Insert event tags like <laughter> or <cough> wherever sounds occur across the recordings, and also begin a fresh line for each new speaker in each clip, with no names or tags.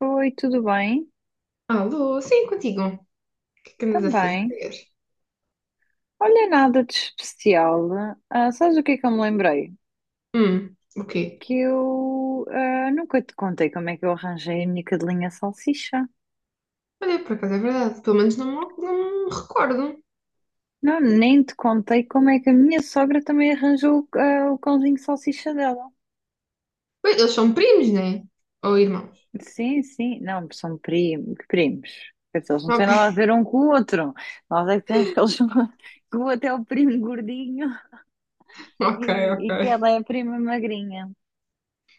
Oi, tudo bem?
Alô, sim, contigo. O que é que andas a
Também.
fazer?
Olha, nada de especial. Ah, sabes o que é que eu me lembrei?
O quê?
Que eu nunca te contei como é que eu arranjei a minha cadelinha salsicha.
Olha, por acaso é verdade. Pelo menos não, não me recordo.
Não, nem te contei como é que a minha sogra também arranjou o cãozinho salsicha dela.
Ué, eles são primos, né? Ou irmãos?
Sim, sim. Não, são primos, primos. Quer dizer, eles não têm
Ok.
nada a ver um com o outro. Nós é que temos que eles... <laughs> que o outro é o primo gordinho
<laughs> Ok,
e,
ok.
e que ela é a prima magrinha.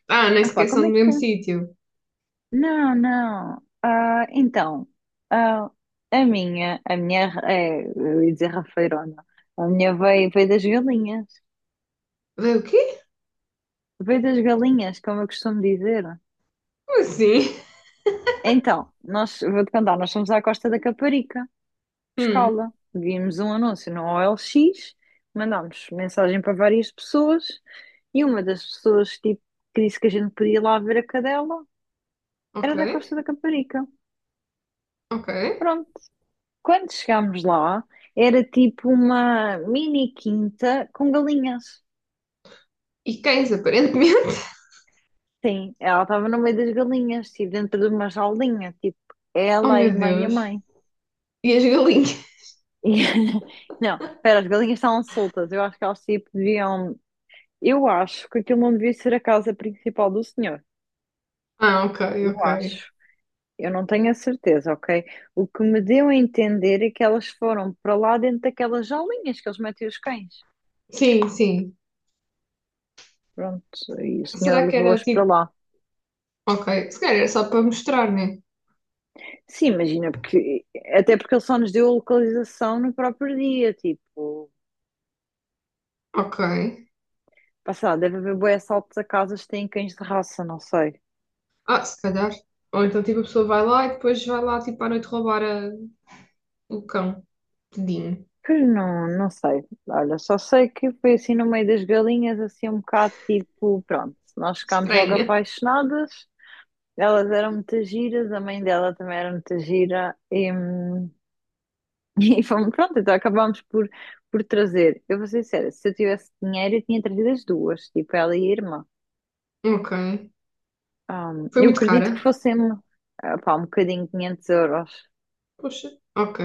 Ah, nem
Ah pá,
sequer são
como é
do mesmo
que...
sítio.
Não, não. Ah, então, ah, a minha, é, eu ia dizer rafeirona, a minha veio das galinhas,
Vê o quê?
veio das galinhas, como eu costumo dizer.
Como assim?
Então, nós, vou-te contar, nós fomos à Costa da Caparica,
Hum,
pescá-la, vimos um anúncio no OLX, mandámos mensagem para várias pessoas, e uma das pessoas, tipo, que disse que a gente podia ir lá ver a cadela,
ok,
era da Costa da Caparica.
ok.
Pronto. Quando chegámos lá, era tipo uma mini quinta com galinhas.
E cães, aparentemente. <laughs>
Sim, ela estava no meio das galinhas, tipo dentro de uma jaulinha, tipo
Oh,
ela, a
meu
irmã e a
Deus.
mãe.
E as galinhas?
E- <laughs> Não, espera, as galinhas estavam soltas. Eu acho que elas tipo deviam. Eu acho que aquilo não devia ser a casa principal do senhor.
Ah, ok,
Eu
ok.
acho. Eu não tenho a certeza, ok? O que me deu a entender é que elas foram para lá dentro daquelas jaulinhas que eles metem os cães.
Sim, sim.
Pronto, e o senhor
Será que era
levou-as para
tipo.
lá.
Ok, se calhar era só para mostrar, né?
Sim, imagina, porque até porque ele só nos deu a localização no próprio dia, tipo,
Ok.
pá, sei lá, deve haver bué assaltos a casas que têm cães de raça, não sei.
Ah, se calhar. Ou então, tipo, a pessoa vai lá e depois vai lá, tipo, à noite roubar o cão. Tadinho.
Pois não, não sei. Olha, só sei que foi assim no meio das galinhas, assim um bocado tipo, pronto, nós ficámos logo
Estranha.
apaixonadas, elas eram muito giras, a mãe dela também era muito gira, e, <laughs> e fomos, pronto, então acabámos por trazer. Eu vou ser sincera, se eu tivesse dinheiro, eu tinha trazido as duas, tipo, ela e a irmã.
Ok.
Ah,
Foi
eu
muito
acredito que
cara?
fossem pá, um bocadinho 500 euros.
Poxa. Ok.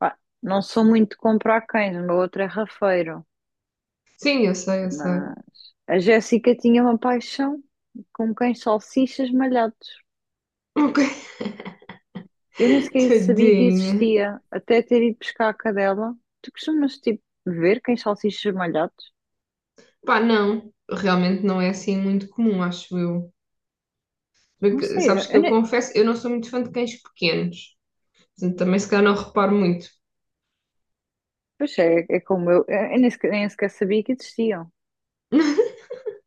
Pá, não sou muito de comprar cães, o meu outro é rafeiro.
Sim, eu sei, eu sei.
Mas a Jéssica tinha uma paixão com cães salsichas malhados.
Ok. <laughs>
Eu nem sequer sabia que
Tadinha.
existia, até ter ido pescar a cadela. Tu costumas, tipo, ver cães salsichas malhados?
Pá, não. Realmente não é assim muito comum, acho eu.
Não
Porque
sei,
sabes que
eu
eu
nem...
confesso, eu não sou muito fã de cães pequenos. Portanto, também se calhar não reparo muito.
Pois é, é como eu nem sequer sabia que existiam.
<laughs>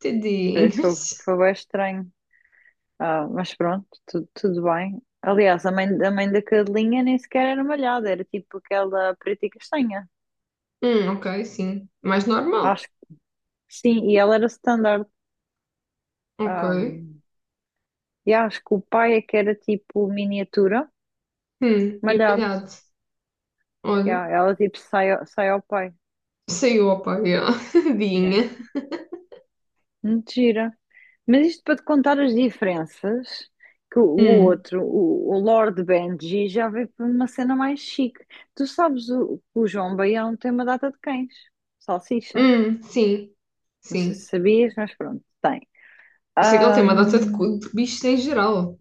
Foi, foi,
Tadinhos.
foi bem estranho. Ah, mas pronto, tudo bem. Aliás, a mãe da cadelinha nem sequer era malhada, era tipo aquela preta e castanha.
Ok, sim. Mais normal.
Acho que sim, e ela era standard.
Ok.
Ah, e acho que o pai é que era tipo miniatura,
E
malhado.
malhado. Olha,
Ya, ela tipo sai ao pai.
saiu, opa, yeah. <laughs>
Yeah.
Dinha.
Muito gira. Mas isto para te contar as diferenças, que o
Hum,
outro, o Lord Benji, já veio para uma cena mais chique. Tu sabes que o João Baião tem uma data de cães, salsicha.
sim,
Não sei se
sim.
sabias, mas pronto, tem.
Eu sei que ele tem uma data de,
Ahm,
cu- de bichos em geral.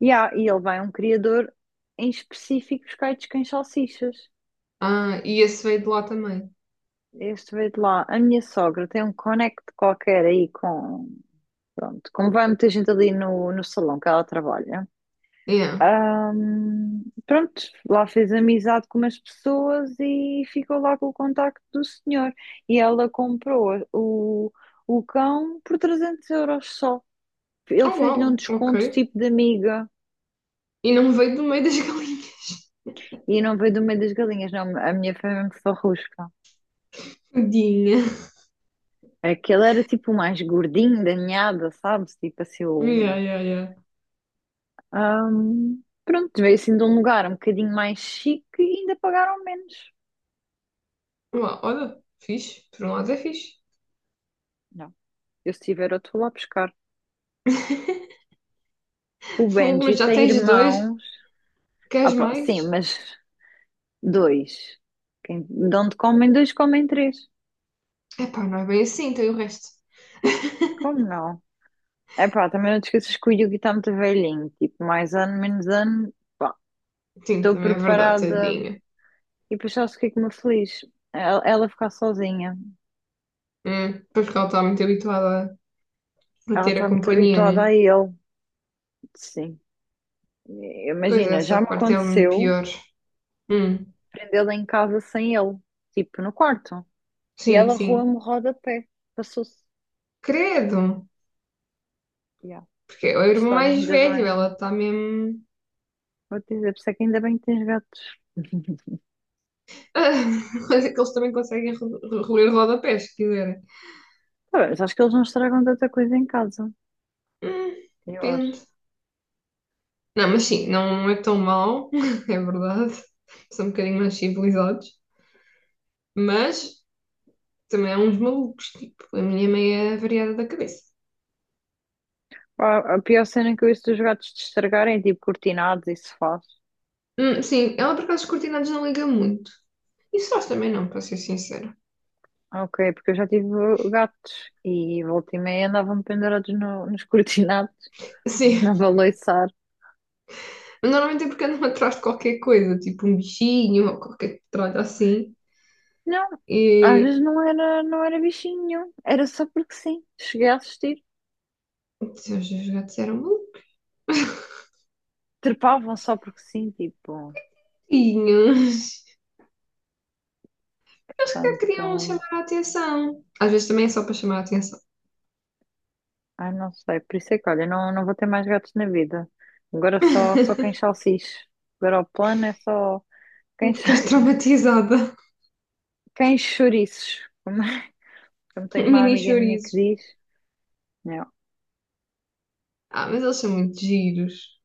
yeah, e ele vai a um criador em específico buscar de quem salsichas.
Ah, e esse veio de lá também.
Este veio de lá. A minha sogra tem um connect qualquer aí com. Pronto, como vai muita gente ali no salão que ela trabalha.
Yeah.
Pronto, lá fez amizade com umas pessoas e ficou lá com o contacto do senhor. E ela comprou o cão por 300 euros só. Ele
Oh,
fez-lhe um
uau, ok.
desconto tipo de amiga.
E não veio do meio das <laughs> galinhas.
E não veio do meio das galinhas, não. A minha foi mesmo só rusca.
Dinha.
Aquele era tipo o mais gordinho da ninhada, sabes? Tipo assim,
Yeah,
o...
yeah, yeah.
Pronto, veio assim de um lugar um bocadinho mais chique e ainda pagaram menos.
Uau, olha, fixe. Por um lado é fixe.
Não, eu se tiver outro vou lá buscar.
<laughs>
O
Fogo,
Benji
mas já
tem
tens dois.
irmãos. Ah,
Queres
pá,
mais?
sim, mas dois. De onde comem dois, comem três.
Epá, não é bem assim, tem o resto. <laughs>
Como não? É pá, também não te esqueças que o Yugi está muito velhinho. Tipo, mais ano, menos ano. Pá,
Sim,
estou
também é verdade,
preparada.
tadinha.
E depois sabes o que é que me feliz? Ela ficar sozinha.
Pois porque ela está muito habituada para
Ela
ter a
está muito
companhia,
habituada
né?
a ele. Sim.
Pois
Imagina,
essa
já me
parte é um
aconteceu
pior. Hum,
prendê-la em casa sem ele, tipo no quarto. E
sim,
ela
sim.
roa-me o rodapé. Passou-se.
Credo!
Yeah.
Porque é o
Por
irmão
isso, olha,
mais
ainda
velho, ela
bem.
está mesmo.
Vou te dizer, por isso é que ainda bem que tens gatos. <laughs>
<laughs> Mas é que eles também conseguem roer rodapés, se quiserem.
Tá bem, mas acho que eles não estragam tanta coisa em casa.
Hum,
Eu
depende.
acho.
Não, mas sim, não é tão mau, <laughs> é verdade. São um bocadinho mais civilizados. Mas também há uns malucos, tipo, a minha é meia variada da cabeça.
Pá, a pior cena que eu ouço dos gatos de estragarem é tipo cortinados e sofás.
Sim, ela por acaso os cortinados não liga muito. E sós também não, para ser sincera.
Ok, porque eu já tive gatos e volta e meia andavam pendurados nos <laughs> cortinados,
Sim,
na baleiçar.
mas normalmente é porque andam <laughs> atrás de qualquer coisa, tipo um bichinho ou qualquer tralha assim.
Não, às
E
vezes não era bichinho nenhum, era só porque sim. Cheguei a assistir,
se os meus gatos eram
trepavam só porque sim, tipo,
bonitinhos. <laughs> Eles que
tanto,
queriam chamar a atenção. Às vezes também é só para chamar a atenção.
ai não sei, por isso é que olha, não, não vou ter mais gatos na vida. Agora só quem
<laughs>
salsiche. Agora o plano é só quem, cha-
Ficaste traumatizada.
<laughs> quem chouriços, como tem uma
Mini
amiga minha que
chorizos.
diz, né?
Ah, mas eles são muito giros.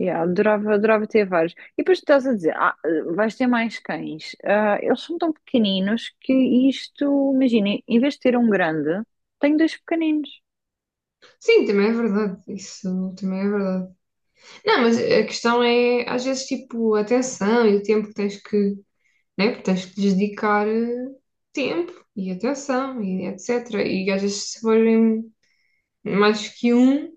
Yeah, adorava, adorava ter vários. E depois tu estás a dizer, vais ter mais cães. Ah, eles são tão pequeninos que isto, imagina, em vez de ter um grande, tenho dois pequeninos.
Sim, também é verdade. Isso também é verdade. Não, mas a questão é, às vezes, tipo, a atenção e o tempo que tens que né? Porque tens que lhes dedicar tempo e atenção e etc. E às vezes se forem mais que um,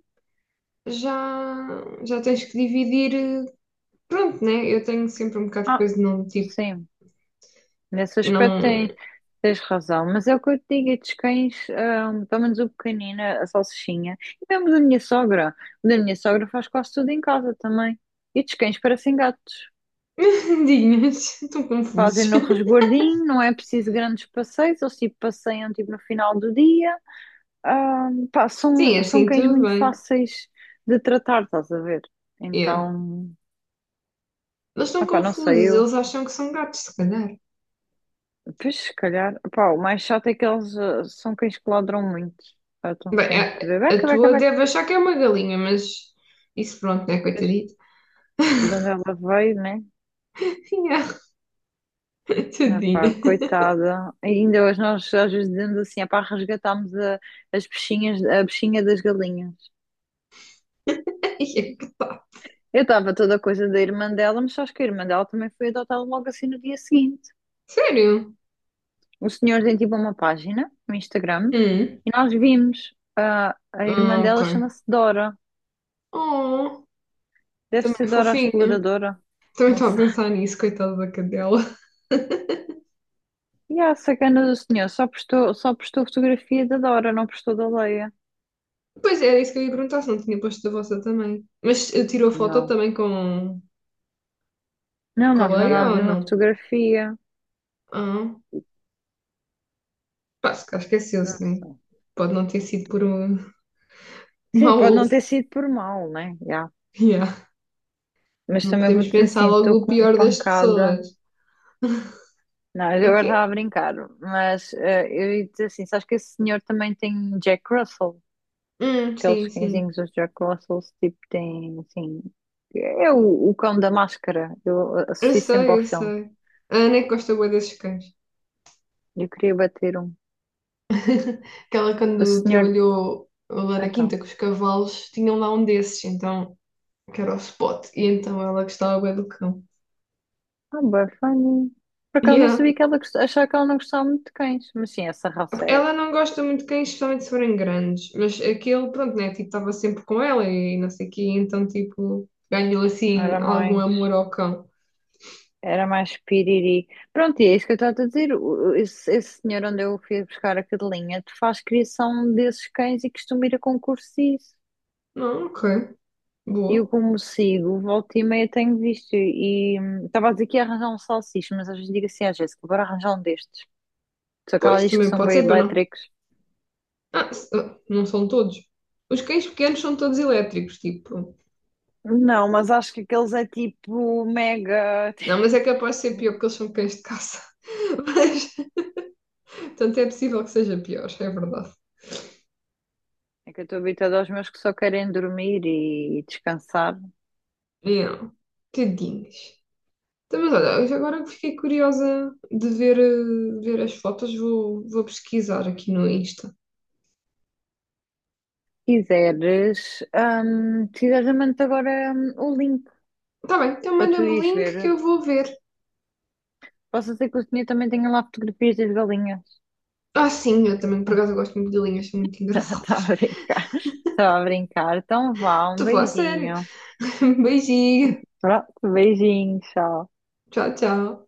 já, já tens que dividir. Pronto, né? Eu tenho sempre um bocado de
Ah,
coisa de não, tipo,
sim, nesse aspecto tem,
não.
tens razão. Mas é o que eu te digo, estes cães, pelo menos o pequenino, a salsichinha, e mesmo da minha sogra. O da minha sogra faz quase tudo em casa também. E estes cães parecem gatos.
<laughs> Dinhas, estão
Fazem
confusos.
no
<laughs>
resguardinho, não é preciso grandes passeios, eles tipo passeiam tipo no final do dia. Ah, pá,
Sim, é
são
assim
cães
tudo
muito
bem.
fáceis de tratar, estás a ver?
Yeah.
Então,
Eles estão
pá, não sei
confusos,
eu.
eles acham que são gatos, se calhar.
Pois, se calhar, pá, o mais chato é que eles são cães que ladram muito. Pá, estão
Bem, a,
sempre,
a
beca, beca,
tua deve
beca.
achar que é uma galinha, mas isso pronto, né?
Pois,
Coitadito.
de onde
<laughs>
ela veio, né?
Yeah,
Ah,
tadinha.
pá,
<laughs>
coitada. E ainda hoje nós às vezes dizemos assim, ah, pá, resgatámos as peixinhas, a bichinha das galinhas.
E é que tá.
Eu estava toda a coisa da irmã dela, mas acho que a irmã dela também foi adotada logo assim no dia seguinte.
Sério?
O senhor tem tipo uma página no Instagram
Hum.
e nós vimos a irmã
Ah, ok.
dela chama-se Dora.
Oh,
Deve
também é
ser Dora a
fofinho.
Exploradora.
Também
Não
estava a
sei. <laughs>
pensar nisso, coitada da cadela. <laughs>
E a sacana do senhor só postou fotografia da Dora, não postou da Leia.
Pois era isso que eu ia perguntar, se não tinha posto da vossa também. Mas tirou foto
Não.
também com,
Não,
com
nós
a Leia ou
mandámos-lhe uma
não?
fotografia.
Ah, pá, se calhar esqueceu-se,
Não
né?
sei.
Pode não ter sido por um <laughs>
Sim, pode não
mau.
ter sido por mal, né? Já.
Yeah.
Mas
Não
também vou
podemos
dizer
pensar
assim,
logo
estou
o
com uma
pior das
pancada.
pessoas.
Não,
É
eu
o
agora
quê?
estava a brincar, mas eu ia dizer assim, sabes que esse senhor também tem Jack Russell? Aqueles
Sim, sim.
cãezinhos, os Jack Russells, tipo, têm, assim... É o cão da máscara. Eu
Eu
associo sempre
sei,
ao
eu
filme.
sei. A Ana é que gosta bué desses cães.
Eu queria bater um.
<laughs> Que ela,
O
quando
senhor...
trabalhou lá na quinta
Então.
com os cavalos, tinham lá um desses, então, que era o Spot. E então ela gostava bué do cão.
Ah, bem funny. Por acaso não
Yeah.
sabia que ela achava que ela não gostava muito de cães. Mas sim, essa raça é...
Ela não gosta muito de cães, especialmente se forem grandes, mas aquele, pronto, né? Tipo, estava sempre com ela e não sei o quê, então, tipo, ganhou assim
Era
algum
mais...
amor ao cão.
Era mais piriri. Pronto, e é isso que eu estava a dizer. Esse senhor onde eu fui buscar a cadelinha faz criação desses cães e costuma ir a concursos e isso.
Não, ok,
E eu
boa.
como sigo, volta e meia tenho visto e estava a dizer que ia arranjar um salsicha, mas às vezes digo assim à Jéssica, bora arranjar um destes. Só que ela
Pois,
diz que
também
são
pode
bem
ser, para não.
elétricos.
Ah, não são todos. Os cães pequenos são todos elétricos, tipo.
Não, mas acho que aqueles é tipo mega.
Não, mas é capaz de ser pior
<laughs>
porque eles são cães de caça. <laughs> Mas, portanto, é possível que seja pior, é verdade.
É que eu estou habituada aos meus que só querem dormir e descansar. Se
Não, tadinhos. Então, mas olha, eu agora que fiquei curiosa de ver as fotos, vou pesquisar aqui no Insta.
quiseres, hum, se quiseres, eu mando-te agora o link
Tá bem, então
para tu
manda-me o
ires
link que
ver.
eu vou ver.
Posso dizer que o senhor também tem lá fotografias das galinhas.
Ah, sim, eu também, por acaso, eu gosto muito de linhas, são muito
<laughs>
engraçadas.
Estava a brincar. Estava a brincar. Então
<laughs>
vá, um
Estou a falar sério.
beijinho.
<laughs> Beijinho.
Ah, beijinho, tchau.
Tchau, tchau.